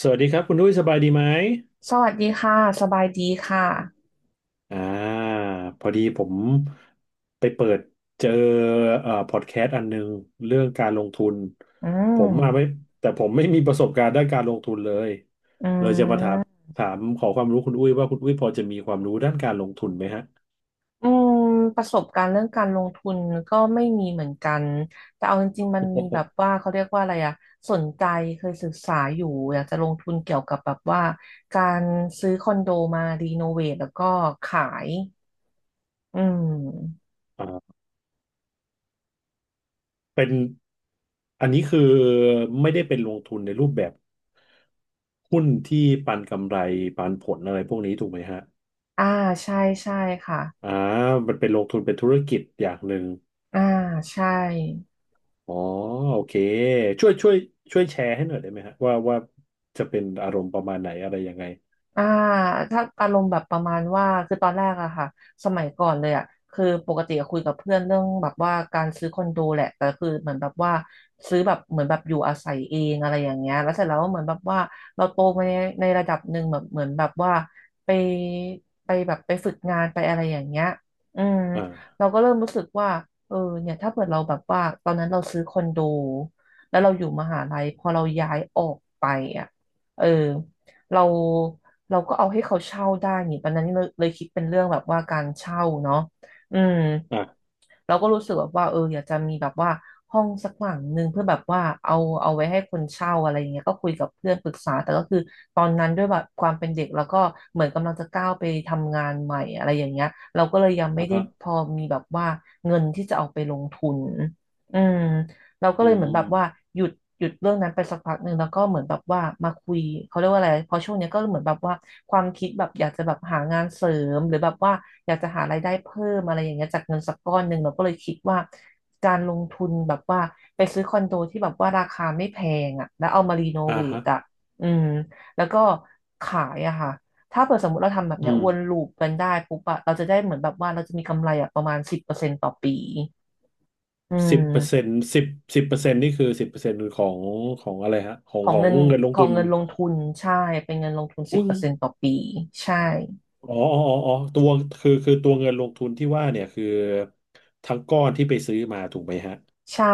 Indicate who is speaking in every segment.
Speaker 1: สวัสดีครับคุณดุ้ยสบายดีไหม
Speaker 2: สวัสดีค่ะ สบายดีค่ะ
Speaker 1: อ่าพอดีผมไปเปิดเจอพอดแคสต์อันหนึงเรื่องการลงทุน
Speaker 2: อื
Speaker 1: ผมมาไม่
Speaker 2: ม
Speaker 1: แต่ผมไม่มีประสบการณ์ด้านการลงทุนเลย
Speaker 2: อื
Speaker 1: เลยจะมาถาม
Speaker 2: ม
Speaker 1: ถามขอความรู้คุณอุ้ยว่าคุณอุ้ยพอจะมีความรู้ด้านการลงทุนไหมฮะ
Speaker 2: อืม ประสบการณ์เรื่องการลงทุนก็ไม่มีเหมือนกัน แต่เอาจริงๆมันมีแบบ ว่าเขาเรียกว่าอะไรอะสนใจเคยศึกษาอยู่อยากจะลงทุนเกี่ยวกับแบบว่าการซื้อคอนโดมารีโนเวทแล้วก็ขาย อืม
Speaker 1: อ่าเป็นอันนี้คือไม่ได้เป็นลงทุนในรูปแบบหุ้นที่ปันกำไรปันผลอะไรพวกนี้ถูกไหมฮะ
Speaker 2: อ่าใช่ใช่ค่ะ
Speaker 1: อ่ามันเป็นลงทุนเป็นธุรกิจอย่างหนึ่ง
Speaker 2: อ่าใช่
Speaker 1: อ๋อโอเคช่วยช่วยช่วยแชร์ให้หน่อยได้ไหมฮะว่าจะเป็นอารมณ์ประมาณไหนอะไรยังไง
Speaker 2: อ่าถ้าอารมณ์แบบประมาณว่าคือตอนแรกอะค่ะ สมัยก่อนเลยอะคือปกติอะคุยกับเพื่อนเรื่องแบบว่าการซื้อคอนโดแหละแต่คือเหมือนแบบว่าซื้อแบบเหมือนแบบอยู่อาศัยเองอะไรอย่างเงี้ยแล้วเสร็จแล้วเหมือนแบบว่าเราโตมาในระดับหนึ่งแบบเหมือนแบบว่าไปไปแบบไปฝึกงานไปอะไรอย่างเงี้ยอืม
Speaker 1: อ่า
Speaker 2: เราก็เริ่มรู้สึกว่าเออเนี่ยถ้าเกิดเราแบบว่าตอนนั้นเราซื้อคอนโดแล้วเราอยู่มหาลัยพอเราย้ายออกไปอะเออเรา เราก็เอาให้เขาเช่าได้นี่ตอนนั้นเลยเลยคิดเป็นเรื่องแบบว่าการเช่าเนาะอืม
Speaker 1: อ่า
Speaker 2: เราก็รู้สึกแบบว่าเอออยากจะมีแบบว่าห้องสักหลังหนึ่งเพื่อแบบว่าเอาไว้ให้คนเช่าอะไรอย่างเงี้ยก็คุยกับเพื่อนปรึกษาแต่ก็คือตอนนั้นด้วยแบบความเป็นเด็กแล้วก็เหมือนกำลังจะก้าวไปทำงานใหม่อะไรอย่างเงี้ยเราก็เลยยังไม่
Speaker 1: อ่า
Speaker 2: ได้
Speaker 1: ฮะ
Speaker 2: พอมีแบบว่าเงินที่จะเอาไปลงทุนอืม เราก็
Speaker 1: อื
Speaker 2: เลยเหมือนแบบว่า
Speaker 1: ม
Speaker 2: หยุดหยุดเรื่องนั้นไปสักพักหนึ่งแล้วก็เหมือนแบบว่ามาคุยเขาเรียกว่าอะไรพอช่วงเนี้ยก็เหมือนแบบว่าความคิดแบบอยากจะแบบหางานเสริมหรือแบบว่าอยากจะหารายได้เพิ่มอะไรอย่างเงี้ยจากเงินสักก้อนหนึ่งเราก็เลยคิดว่าการลงทุนแบบว่าไปซื้อคอนโดที่แบบว่าราคาไม่แพงอ่ะแล้วเอามารีโน
Speaker 1: อ่า
Speaker 2: เวท
Speaker 1: ฮะ
Speaker 2: อ่ะอืมแล้วก็ขายอะค่ะถ้าเปิดสมมติเราทำแบบ
Speaker 1: อื
Speaker 2: เนี้ย
Speaker 1: ม
Speaker 2: วนลูปกันได้ปุ๊บอะเราจะได้เหมือนแบบว่าเราจะมีกำไรอะประมาณสิบเปอร์เซ็นต์ต่อปีอื
Speaker 1: สิบเปอร์เซ็
Speaker 2: ม
Speaker 1: นต์สิบสิบเปอร์เซ็นต์นี่คือสิบเปอร์เซ็นต์ของอะไรฮะของ
Speaker 2: ขอ
Speaker 1: ข
Speaker 2: ง
Speaker 1: อง
Speaker 2: เงิน
Speaker 1: เงินลง
Speaker 2: ขอ
Speaker 1: ทุ
Speaker 2: ง
Speaker 1: น
Speaker 2: เงินลงทุนใช่เป็นเงินลงทุนสิ
Speaker 1: อุ้
Speaker 2: บ
Speaker 1: ง
Speaker 2: เปอร์เซ็นต์ต่อปีใช่
Speaker 1: อ๋ออ๋ออ๋ออ๋อคือตัวเงินลงทุนที่ว่าเนี่ยคือทั้งก้อนที่ไปซื้อมาถูกไหมฮะ
Speaker 2: ใช่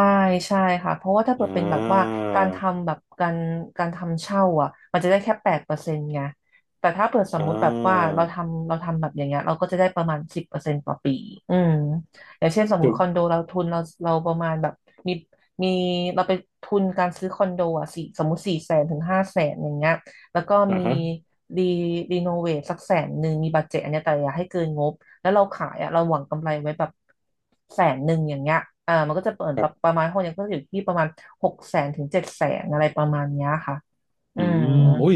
Speaker 2: ใช่ค่ะเพราะว่าถ้าเกิ
Speaker 1: อ่
Speaker 2: ดเป็นแบบว่า
Speaker 1: า
Speaker 2: การทำแบบการทำเช่าอ่ะมันจะได้แค่8%ไงแต่ถ้าเปิดส
Speaker 1: อ่
Speaker 2: มมุติแบบว่า
Speaker 1: า
Speaker 2: เราทำแบบอย่างเงี้ยเราก็จะได้ประมาณสิบเปอร์เซ็นต์ต่อปีอืมอย่างเช่นสมมุ
Speaker 1: คือ
Speaker 2: ติคอนโดเราทุนเราประมาณแบบมีมีเราไปทุนการซื้อคอนโดอ่ะสี่สมมุติ400,000 ถึง 500,000อย่างเงี้ยแล้วก็
Speaker 1: อ่า
Speaker 2: มี
Speaker 1: ฮะ
Speaker 2: รีรีโนเวทสักแสนหนึ่งมีบัดเจ็ตอันเนี้ยแต่อย่าให้เกินงบ แล้วเราขายอ่ะเราหวังกำไรไว้แบบแสนหนึ่งอย่างเงี้ยเออมันก็จะเปิดแบบประมาณห้องเนี้ยก็จะอยู่ที่ประมาณ600,000 ถึง 700,000อะไรประมาณเนี้ยค่ะอื
Speaker 1: อื
Speaker 2: ม
Speaker 1: มโอ้ย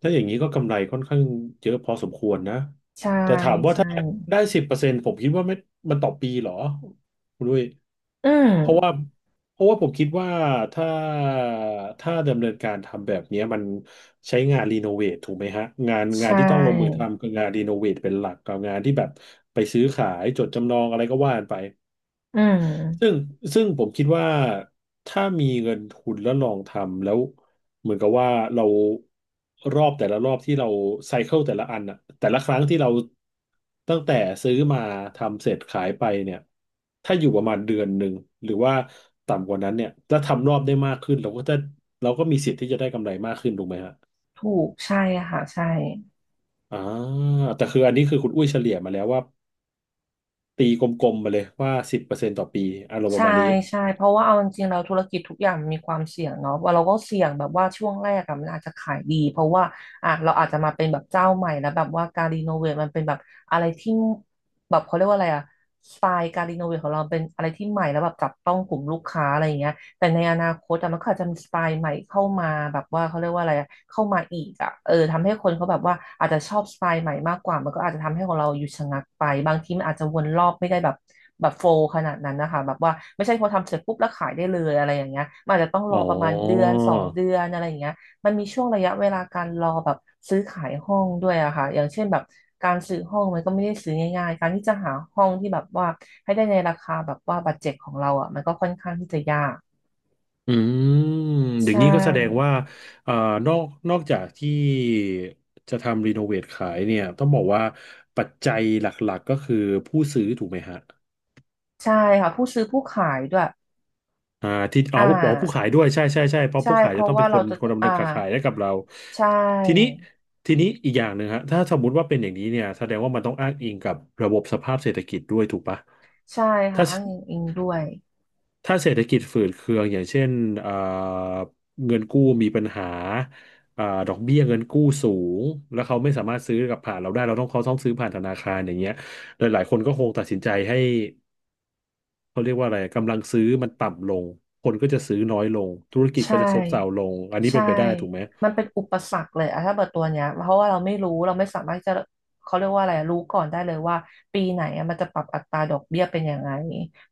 Speaker 1: ถ้าอย่างนี้ก็กำไรค่อนข้างเยอะพอสมควรนะ
Speaker 2: ใช่
Speaker 1: แต่ถามว่า
Speaker 2: ใช่
Speaker 1: ถ้าได้สิบเปอร์เซ็นต์ผมคิดว่าไม่มันต่อปีเหรอคุณด้วย
Speaker 2: อื
Speaker 1: เพราะว่า
Speaker 2: ม
Speaker 1: เพราะว่าผมคิดว่าถ้าถ้าดำเนินการทำแบบเนี้ยมันใช้งานรีโนเวทถูกไหมฮะงาน
Speaker 2: ใช
Speaker 1: งานที่ต้องลงมือ
Speaker 2: ่
Speaker 1: ทำคืองานรีโนเวทเป็นหลักกับงานที่แบบไปซื้อขายจดจำนองอะไรก็ว่ากันไป
Speaker 2: อื
Speaker 1: ซึ่ง
Speaker 2: ม
Speaker 1: ซึ่งผมคิดว่าถ้ามีเงินทุนแล้วลองทำแล้วเหมือนกับว่าเรารอบแต่ละรอบที่เราไซเคิลแต่ละอันอะแต่ละครั้งที่เราตั้งแต่ซื้อมาทำเสร็จขายไปเนี่ยถ้าอยู่ประมาณเดือนหนึ่งหรือว่าต่ำกว่านั้นเนี่ยถ้าทำรอบได้มากขึ้นเราก็มีสิทธิ์ที่จะได้กำไรมากขึ้นถูกไหมฮะ
Speaker 2: ถูกใช่ค่ะใช่
Speaker 1: อ่าแต่คืออันนี้คือคุณอุ้ยเฉลี่ยมาแล้วว่าตีกลมๆมาเลยว่าสิบเปอร์เซ็นต์ต่อปีอารมณ์ป
Speaker 2: ใช่
Speaker 1: ระมาณนี้
Speaker 2: ใช่เพราะว่าเอาจริงๆแล้วธุรกิจทุกอย่างมันมีความเสี่ยงเนาะว่าเราก็เสี่ยงแบบว่าช่วงแรกอะมันอาจจะขายดีเพราะว่าอ่ะเราอาจจะมาเป็นแบบเจ้าใหม่แล้วแบบว่าการรีโนเวทมันเป็นแบบอะไรที่แบบเขาเรียกว่าอะไรอะสไตล์การรีโนเวทของเราเป็นอะไรที่ใหม่แล้วแบบจับต้องกลุ่มลูกค้าอะไรอย่างเงี้ย แต่ในอนาคตอะมันก็อาจจะมีสไตล์ใหม่เข้ามาแบบว่าเขาเรียกว่าอะไรอะเข้ามาอีกอะเออทำให้คนเขาแบบว่าอาจจะชอบสไตล์ใหม่มากกว่ามันก็อาจจะทำให้ของเราหยุดชะงักไปบางทีมันอาจจะวนรอบไม่ได้แบบแบบขนาดนั้นนะคะแบบว่าไม่ใช่พอทำเสร็จปุ๊บแล้วขายได้เลยอะไรอย่างเงี้ยมันอาจจะต้องร
Speaker 1: อ๋
Speaker 2: อประมาณเดือ
Speaker 1: อ
Speaker 2: นสองเดือนอะไรอย่างเงี้ยมันมีช่วงระยะเวลาการรอแบบซื้อขายห้องด้วยอะค่ะอย่างเช่นแบบการซื้อห้องมันก็ไม่ได้ซื้อง่ายๆการที่จะหาห้องที่แบบว่าให้ได้ในราคาแบบว่าบัดเจ็ตของเราอะมันก็ค่อนข้างที่จะยาก
Speaker 1: อืมอย่าง
Speaker 2: ใช่
Speaker 1: นี้ก็แสดงว่าเอ่อนอกนอกจากที่จะทำรีโนเวทขายเนี่ยต้องบอกว่าปัจจัยหลักๆก็คือผู้ซื้อถูกไหมฮะ
Speaker 2: ใช่ค่ะผู้ซื้อผู้ขายด้วย
Speaker 1: อ่าที่อ๋
Speaker 2: อ่
Speaker 1: อผู้อ๋อผู้ขาย
Speaker 2: า
Speaker 1: ด้วยใช่ใช่ใช่เพราะ
Speaker 2: ใช่
Speaker 1: ผู้ขาย
Speaker 2: เพ
Speaker 1: จะ
Speaker 2: ราะ
Speaker 1: ต้องเป็
Speaker 2: ว่า
Speaker 1: นค
Speaker 2: เรา
Speaker 1: น
Speaker 2: จะ
Speaker 1: คนดำ
Speaker 2: อ่า
Speaker 1: เนินการขายให้กับเรา
Speaker 2: ใช
Speaker 1: ทีนี้
Speaker 2: ่
Speaker 1: ทีนี้อีกอย่างหนึ่งฮะถ้าสมมุติว่าเป็นอย่างนี้เนี่ยแสดงว่ามันต้องอ้างอิงกับระบบสภาพเศรษฐกิจด้วยถูกปะ
Speaker 2: ใช่ค่ะ
Speaker 1: ถ้า
Speaker 2: อ้างอิงอิงด้วย
Speaker 1: ถ้าเศรษฐกิจฝืดเคืองอย่างเช่นเอ่อเงินกู้มีปัญหาดอกเบี้ยเงินกู้สูงแล้วเขาไม่สามารถซื้อกับผ่านเราได้เราต้องเขาต้องซื้อผ่านธนาคารอย่างเงี้ยหลายหลายคนก็คงตัดสินใจให้เขาเรียกว่าอะไรกำลังซื้อมันต่ำลงคนก็จะซื้อน้อยลงธุรกิจ
Speaker 2: ใช่
Speaker 1: ก็จะซบเซาลงอันนี้
Speaker 2: ใช่
Speaker 1: เป็นไปได้ถูกไหม
Speaker 2: มันเป็นอุปสรรคเลยอะถ้าเปิดตัวเนี้ยเพราะว่าเราไม่รู้เราไม่สามารถจะเขาเรียกว่าอะไรอะรู้ก่อนได้เลยว่าปีไหนอะมันจะปรับอัตราดอกเบี้ยเป็นยังไง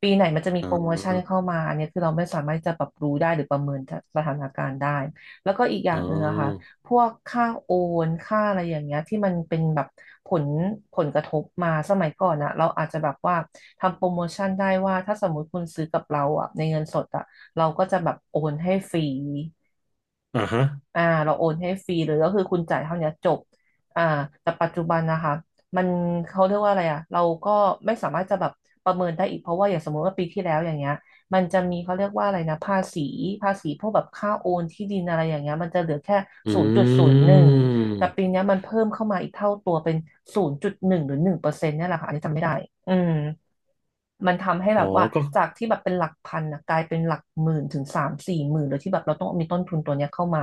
Speaker 2: ปีไหนมันจะมี
Speaker 1: อ๋อ
Speaker 2: โปรโมชั่นเข้ามาอันเนี้ยคือเราไม่สามารถจะปรับรู้ได้หรือประเมินสถานการณ์ได้แล้วก็อีกอย่า
Speaker 1: อ๋
Speaker 2: งหนึ่งอะค่ะ
Speaker 1: อ
Speaker 2: พวกค่าโอนค่าอะไรอย่างเงี้ยที่มันเป็นแบบผลผลกระทบมาสมัยก่อนอะเราอาจจะแบบว่าทำโปรโมชั่นได้ว่าถ้าสมมุติคุณซื้อกับเราอะในเงินสดอะเราก็จะแบบโอนให้ฟรี
Speaker 1: อ่าฮะ
Speaker 2: เราโอนให้ฟรีเลยก็คือคุณจ่ายเท่าเนี้ยจบ อ่าแต่ปัจจุบันนะคะมันเขาเรียกว่าอะไรอ่ะเราก็ไม่สามารถจะแบบประเมินได้อีกเพราะว่าอย่างสมมติว่าปีที่แล้วอย่างเงี้ยมันจะมีเขาเรียกว่าอะไรนะภาษีพวกแบบค่าโอนที่ดินอะไรอย่างเงี้ยมันจะเหลือแค่
Speaker 1: อ
Speaker 2: ศูนย์จุดศู
Speaker 1: ื
Speaker 2: นย์หนึ่งแต่
Speaker 1: ม
Speaker 2: ปีเนี้ยมันเพิ่มเข้ามาอีกเท่าตัวเป็น0.1หรือ1%เนี่ยแหละค่ะอันนี้จำไม่ได้อืมมันทำให้
Speaker 1: อ๋
Speaker 2: แบ
Speaker 1: อ
Speaker 2: บว่า
Speaker 1: ก็
Speaker 2: จากที่แบบเป็นหลักพันนะกลายเป็นหลักหมื่นถึงสามสี่หมื่นโดยที่แบบเราต้องมีต้นทุนตัวเนี้ยเข้ามา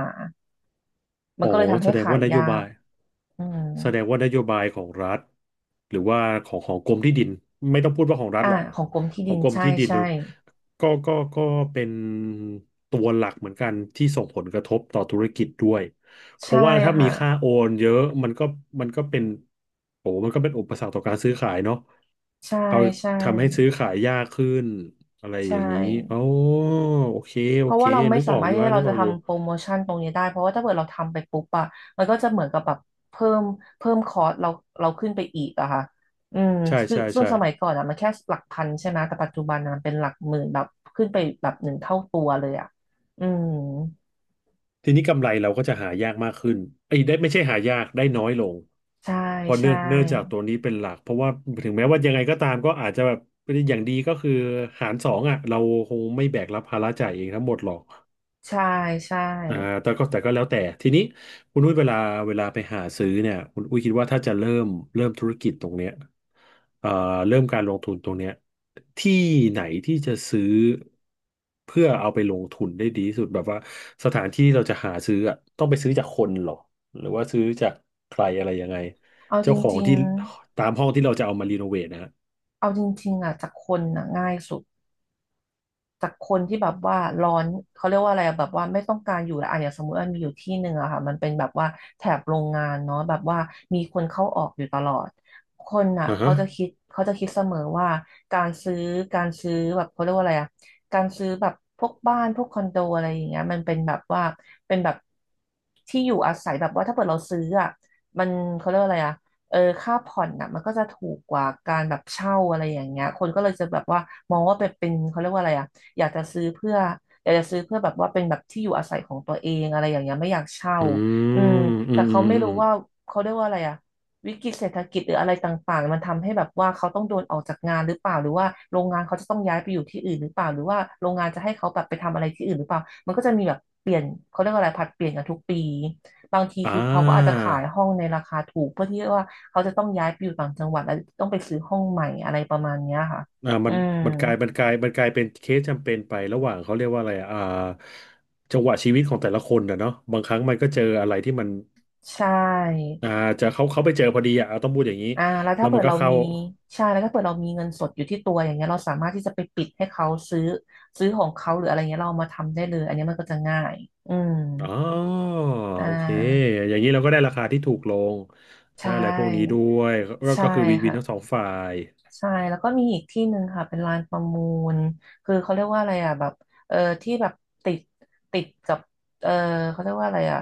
Speaker 2: มัน
Speaker 1: อ๋อ
Speaker 2: ก็เลยทำ
Speaker 1: แส
Speaker 2: ให้
Speaker 1: ดง
Speaker 2: ขาย
Speaker 1: ว่านโย
Speaker 2: ยา
Speaker 1: บา
Speaker 2: ก
Speaker 1: ย
Speaker 2: อืม
Speaker 1: แสดงว่านโยบายของรัฐหรือว่าของกรมที่ดินไม่ต้องพูดว่าของรัฐ
Speaker 2: อ่า
Speaker 1: หรอก
Speaker 2: ของกรมที่
Speaker 1: ข
Speaker 2: ดิ
Speaker 1: อง
Speaker 2: น
Speaker 1: กรม
Speaker 2: ใช่
Speaker 1: ที่ดิน
Speaker 2: ใช่
Speaker 1: ก็เป็นตัวหลักเหมือนกันที่ส่งผลกระทบต่อธุรกิจด้วยเพ
Speaker 2: ใช่
Speaker 1: ราะว่าถ้ามี
Speaker 2: ค่ะ
Speaker 1: ค่าโอนเยอะมันก็เป็นโอ้มันก็เป็นอุปสรรคต่อการซื้อขายเนาะ
Speaker 2: ใช่
Speaker 1: เขา
Speaker 2: ใช่
Speaker 1: ทำให้ซื้อขายยากขึ้นอะไรอ
Speaker 2: ใช่
Speaker 1: ย่างนี้อ๋อโอเค
Speaker 2: เพ
Speaker 1: โอ
Speaker 2: ราะ
Speaker 1: เค
Speaker 2: ว่าเราไม่
Speaker 1: นึก
Speaker 2: สา
Speaker 1: ออก
Speaker 2: มารถ
Speaker 1: อยู่
Speaker 2: ที่
Speaker 1: ฮะนึ
Speaker 2: เรา
Speaker 1: กอ
Speaker 2: จะ
Speaker 1: อกอยู่
Speaker 2: ทำโปรโมชั่นตรงนี้ได้เพราะว่าถ้าเกิดเราทำไปปุ๊บอะมันก็จะเหมือนกับแบบเพิ่มเพิ่มคอร์สเราขึ้นไปอีกอะค่ะอืม
Speaker 1: ใช่
Speaker 2: คือ
Speaker 1: ใช่
Speaker 2: ส่วน
Speaker 1: ใช่
Speaker 2: สมัยก่อนอะมันแค่หลักพันใช่ไหมแต่ปัจจุบันอะมันเป็นหลักหมื่นแบบขึ้นไปแบบหนึ่งเท่าตัวเลยอะอืม
Speaker 1: ทีนี้กำไรเราก็จะหายากมากขึ้นไอ้ยได้ไม่ใช่หายากได้น้อยลง
Speaker 2: ใช่
Speaker 1: เพอเนื่
Speaker 2: ใช่
Speaker 1: องเนื่องจากตัวนี้เป็นหลัก เพราะว่าถึงแม้ว่ายังไงก็ตามก็อาจจะแบบอย่างดีก็คือหารสองอ่ะเราคงไม่แบกรับภาระจ่ายเองทั้งหมดหรอก
Speaker 2: ใช่ใช่
Speaker 1: อ่าแต่ก็แล้วแต่ทีนี้คุณอุ้ยเวลาไปหาซื้อเนี่ยคุณอุ้ยคิดว่าถ้าจะเริ่มธุรกิจตรงเนี้ยเอ่อเริ่มการลงทุนตรงเนี้ยที่ไหนที่จะซื้อเพื่อเอาไปลงทุนได้ดีที่สุดแบบว่าสถานที่เราจะหาซื้ออ่ะต้องไปซื้อจากคนเหรอหรือว่าซื้อจากใครอะไรยังไง
Speaker 2: เอาจ
Speaker 1: เจ้าของ
Speaker 2: ริง
Speaker 1: ที่
Speaker 2: ๆ
Speaker 1: ตามห้องที่เราจะเอามารีโนเวทนะฮะ
Speaker 2: เอาจริงๆอ่ะจากคนน่ะง่ายสุด จากคนที่แบบว่าร้อนเขาเรียกว่าอะไรอะแบบว่าไม่ต้องการอยู่แล้วอะอย่างสมมติว่ามีอยู่ที่หนึ่งอะค่ะมันเป็นแบบว่าแถบโรงงานเนาะแบบว่ามีคนเข้าออกอยู่ตลอดคนอะ
Speaker 1: อ่า
Speaker 2: เขา
Speaker 1: ฮะ
Speaker 2: จะคิดเขาจะคิดเสมอว่าการซื้อการซื้อแบบเขาเรียกว่าอะไรอะการซื้อแบบพวกบ้านพวกคอนโดอะไรอย่างเงี้ยมันเป็นแบบว่าเป็นแบบที่อยู่อาศัยแบบว่าถ้าเกิดเราซื้ออะมันเขาเรียกว่าอะไรอะเออค่าผ่อนน่ะมันก็จะถูกกว่าการแบบเช่าอะไรอย่างเงี้ยคนก็เลยจะแบบว่ามองว่าเป็นเขาเรียกว่าอะไรอ่ะ อยากจะซื้อเพื่ออยากจะซื้อเพื่อแบบว่าเป็นแบบที่อยู่อาศัยของตัวเองอะไรอย่างเงี้ยไม่อยากเช่า
Speaker 1: อื
Speaker 2: อืม
Speaker 1: มอื
Speaker 2: แต่
Speaker 1: มอื
Speaker 2: เขา
Speaker 1: ม
Speaker 2: ไม่
Speaker 1: อื
Speaker 2: รู้
Speaker 1: ม
Speaker 2: ว่าเขาเรียกว่าอะไรอะวิกฤตเศรษฐกิจหรืออะไรต่างๆมันทำให้แบบว่าเขาต้องโดนออกจากงานหรือเปล่าหรือว่าโรงงานเขาจะต้องย้ายไปอยู่ที่อื่นหรือเปล่าหรือว่าโรงงานจะให้เขาแบบไปทำอะไรที่อื่นหรือเปล่ามันก็จะมีแบบเปลี่ยนเขาเรียกว่าอะไรผัดเปลี่ยนกันทุกปีบางที
Speaker 1: อ่
Speaker 2: คือเขาก็อาจจะ
Speaker 1: า
Speaker 2: ขายห้องในราคาถูกเพื่อที่ว่าเขาจะต้องย้ายไปอยู่ต่างจังหวัดแล้วต้องไปซื้อห้องใหม่อะไรประมาณเนี้ยค่ะอื
Speaker 1: มัน
Speaker 2: ม
Speaker 1: มันกลายเป็นเคสจำเป็นไประหว่างเขาเรียกว่าอะไรอะจังหวะชีวิตของแต่ละคนนะเนาะบางครั้งมันก็เจออะไรที่มัน
Speaker 2: ใช่
Speaker 1: อ่าจะเขาไปเจอพอดีอ่ะเอาต้องพูดอย่างนี้
Speaker 2: แล้ว
Speaker 1: แล้
Speaker 2: ถ้า
Speaker 1: ว
Speaker 2: เปิ
Speaker 1: มัน
Speaker 2: ด
Speaker 1: ก็
Speaker 2: เรา
Speaker 1: เข้า
Speaker 2: มีใช่แล้วถ้าเปิดเรามีเงินสดอยู่ที่ตัวอย่างเงี้ยเราสามารถที่จะไปปิดให้เขาซื้อของเขาหรืออะไรเงี้ยเราเอามาทำได้เลยอันเนี้ยมันก็จะง่ายอืม
Speaker 1: อ๋อ
Speaker 2: อ่
Speaker 1: โอเค
Speaker 2: า
Speaker 1: อย่างนี้เราก็ได้ราคาที่ถูกลง
Speaker 2: ใช
Speaker 1: ได้อะไรพวกนี้ด้
Speaker 2: ่
Speaker 1: วย
Speaker 2: ใช่
Speaker 1: ก็คือวินวิน
Speaker 2: ค่ะ
Speaker 1: ทั้งสองฝ่าย
Speaker 2: ใช่แล้วก็มีอีกที่หนึ่งค่ะเป็นลานประมูลคือเขาเรียกว่าอะไรอ่ะแบบเออที่แบบติดติดกับเออเขาเรียกว่าอะไรอ่ะ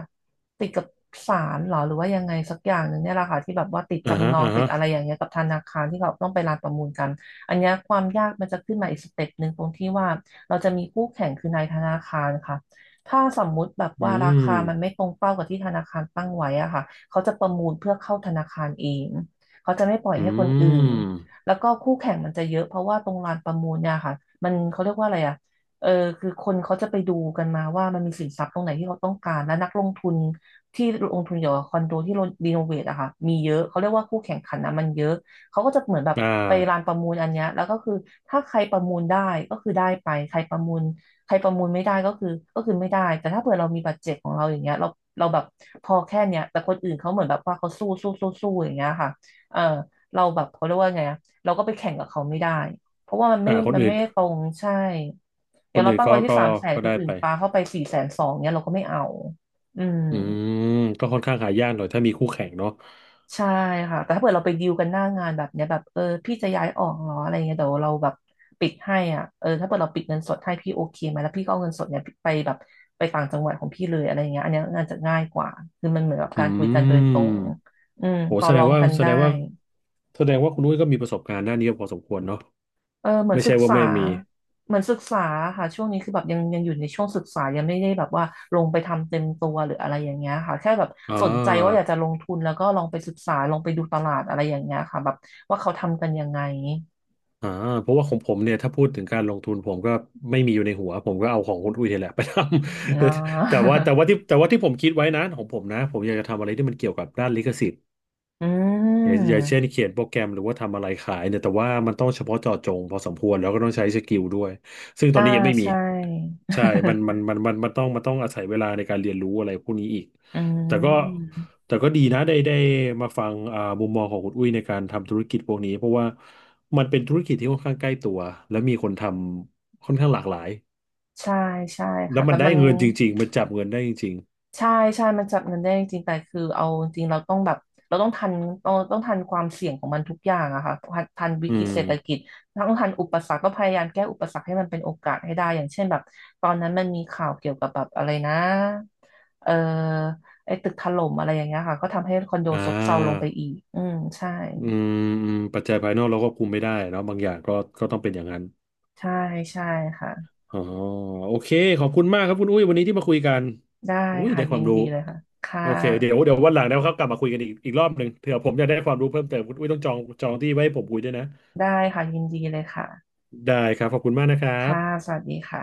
Speaker 2: ติดกับศาลเหรอหรือว่ายังไงสักอย่างหนึ่งเนี่ยแหละค่ะที่แบบว่าติด
Speaker 1: อ่า
Speaker 2: จำ
Speaker 1: ฮะ
Speaker 2: นอง
Speaker 1: อ่า
Speaker 2: ติด
Speaker 1: ฮะ
Speaker 2: อะไรอย่างเงี้ยกับธนาคารที่เขาต้องไปลานประมูลกันอันเนี้ยความยากมันจะขึ้นมาอีกสเต็ปหนึ่งตรงที่ว่าเราจะมีคู่แข่งคือนายธนาคารค่ะถ้าสมมุติแบบ
Speaker 1: อื
Speaker 2: ว่ารา
Speaker 1: ม
Speaker 2: คามันไม่ตรงเป้ากับที่ธนาคารตั้งไว้อะค่ะเขาจะประมูลเพื่อเข้าธนาคารเองเขาจะไม่ปล่อย
Speaker 1: อื
Speaker 2: ให้คนอื่น
Speaker 1: ม
Speaker 2: แล้วก็คู่แข่งมันจะเยอะเพราะว่าตรงลานประมูลเนี่ยค่ะมันเขาเรียกว่าอะไรอ่ะเออคือคนเขาจะไปดูกันมาว่ามันมีสินทรัพย์ตรงไหนที่เขาต้องการและนักลงทุนที่ลงทุนเกี่ยวกับคอนโดที่รีโนเวทอะค่ะมีเยอะเขาเรียกว่าคู่แข่งขันนะมันเยอะเขาก็จะเหมือนแบบ
Speaker 1: อ่า
Speaker 2: ไปลานประมูลอันเนี้ยแล้วก็คือถ้าใครประมูลได้ก็คือได้ไปใครประมูลใครประมูลไม่ได้ก็คือไม่ได้แต่ถ้าเผื่อเรามีบัตรเจ็ตของเราอย่างเงี้ยเราแบบพอแค่เนี้ยแต่คนอื่นเขาเหมือนแบบว่าเขาสู้สู้สู้สู้อย่างเงี้ยค่ะเออเราแบบเขาเรียกว่าไงอะ เราก็ไปแข่งกับเขาไม่ได้ เพราะว่ามันไม่
Speaker 1: อ่าคน
Speaker 2: มัน
Speaker 1: อื่
Speaker 2: ไม่
Speaker 1: น
Speaker 2: ตรงใช่ อย่างเราตั้งไว้ที่
Speaker 1: ก็
Speaker 2: 300,000
Speaker 1: ก็
Speaker 2: คน
Speaker 1: ได้
Speaker 2: อื่
Speaker 1: ไป
Speaker 2: นปาเข้าไป420,000เนี่ยเราก็ไม่เอาอืม
Speaker 1: อืมก็ค่อนข้างหายากหน่อยถ้ามีคู่แข่งเนาะ
Speaker 2: ใช่ค่ะ แต่ถ้าเกิดเราไปดีลกันหน้างานแบบเนี้ยแบบเออพี่จะย้ายออกเหรออะไรเงี้ยเดี๋ยวเราแบบปิดให้อ่ะเออถ้าเกิดเราปิดเงินสดให้พี่โอเคไหมแล้วพี่ก็เอาเงินสดเนี่ยไปแบบไปต่างจังหวัดของพี่เลยอะไรเงี้ยอันเนี้ยน่านจะง่ายกว่าคือมันเหมือนกับ
Speaker 1: อื
Speaker 2: การคุยกัน
Speaker 1: ม
Speaker 2: โดยตรงอืม
Speaker 1: โห
Speaker 2: ต่อรองกันได้
Speaker 1: แสดงว่าคุณนุ้ยก็มีประสบการณ์ด้านนี้พอสมควรเนาะ
Speaker 2: เออเหมือน
Speaker 1: ไม่
Speaker 2: ศึ
Speaker 1: ใช่
Speaker 2: ก
Speaker 1: ว่า
Speaker 2: ษา
Speaker 1: ไม่มี
Speaker 2: เหมือนศึกษาค่ะช่วงนี้คือแบบยังอยู่ในช่วงศึกษายังไม่ได้แบบว่าลงไปทำเต็มตัวหรืออะไรอย่างเงี้ยค่ะแค่แบบ
Speaker 1: อ่
Speaker 2: สนใจว่าอ
Speaker 1: า
Speaker 2: ยากจะลงทุนแล้วก็ลองไปศึกษาลองไปดูตลาดอะไรอย่างเงี้ยค่ะแบบว่าเขาทำกันยังไง
Speaker 1: อ่าเพราะว่าของผมเนี่ยถ้าพูดถึงการลงทุนผมก็ไม่มีอยู่ในหัวผมก็เอาของคุณอุ้ยนี่แหละไปทำ
Speaker 2: อ่ า
Speaker 1: แต่ว่าที่ผมคิดไว้นะของผมนะผมอยากจะทำอะไรที่มันเกี่ยวกับด้านลิขสิทธิ์
Speaker 2: อื
Speaker 1: อย่างเช่น
Speaker 2: ม
Speaker 1: เขียนโปรแกรมหรือว่าทำอะไรขายเนี่ยแต่ว่ามันต้องเฉพาะเจาะจงพอสมควรแล้วก็ต้องใช้สกิลด้วยซึ่งตอ
Speaker 2: อ่า
Speaker 1: นนี้ยังไม่มี
Speaker 2: ใช่
Speaker 1: ใช่มันต้องมันต้องอาศัยเวลาในการเรียนรู้อะไรพวกนี้อีก
Speaker 2: อื
Speaker 1: แต่ก็
Speaker 2: ม
Speaker 1: แต่ก็ดีนะได้มาฟังมุมมองของคุณอุ้ยในการทำธุรกิจพวกนี้เพราะว่ามันเป็นธุรกิจที่ค่อนข้างใกล้ตัวและมีคนทำค่อนข้างหลากหลาย
Speaker 2: ใช่ใช่
Speaker 1: แล้
Speaker 2: ค่ะ
Speaker 1: วมั
Speaker 2: แต่
Speaker 1: นได้
Speaker 2: มัน
Speaker 1: เงินจริงๆมันจับเงินได้จริง
Speaker 2: ใช่ใช่มันจับเงินได้จริงๆแต่คือเอาจริงเราต้องแบบเราต้องทันต้องทันความเสี่ยงของมันทุกอย่างอะค่ะทันวิ
Speaker 1: ๆอื
Speaker 2: กฤต
Speaker 1: ม
Speaker 2: เศรษฐกิจต้องทันอุปสรรคก็พยายามแก้อุปสรรคให้มันเป็นโอกาสให้ได้อย่างเช่นแบบตอนนั้นมันมีข่าวเกี่ยวกับแบบอะไรนะเออไอ้ตึกถล่มอะไรอย่างเงี้ยค่ะก็ทำให้คอนโด
Speaker 1: อ่า
Speaker 2: ซบเซาลงไปอีกอืมใช่
Speaker 1: อืมอืมปัจจัยภายนอกเราก็คุมไม่ได้เนาะบางอย่างก็ก็ต้องเป็นอย่างนั้น
Speaker 2: ใช่ใช่ค่ะ
Speaker 1: อ๋อโอเคขอบคุณมากครับคุณอุ้ยวันนี้ที่มาคุยกัน
Speaker 2: ได้
Speaker 1: อุ้ย
Speaker 2: ค่ะ
Speaker 1: ได้ค
Speaker 2: ยิ
Speaker 1: วาม
Speaker 2: น
Speaker 1: รู้
Speaker 2: ดีเลยค่ะค่ะ
Speaker 1: โอเคเดี๋ยวเดี๋ยววันหลังนะครับกลับมาคุยกันอีกรอบหนึ่งเผื่อผมอยากได้ความรู้เพิ่มเติมคุณอุ้ยต้องจองที่ไว้ให้ผมคุยด้วยนะ
Speaker 2: ได้ค่ะยินดีเลยค่ะ
Speaker 1: ได้ครับขอบคุณมากนะครับ
Speaker 2: ค่ะสวัสดีค่ะ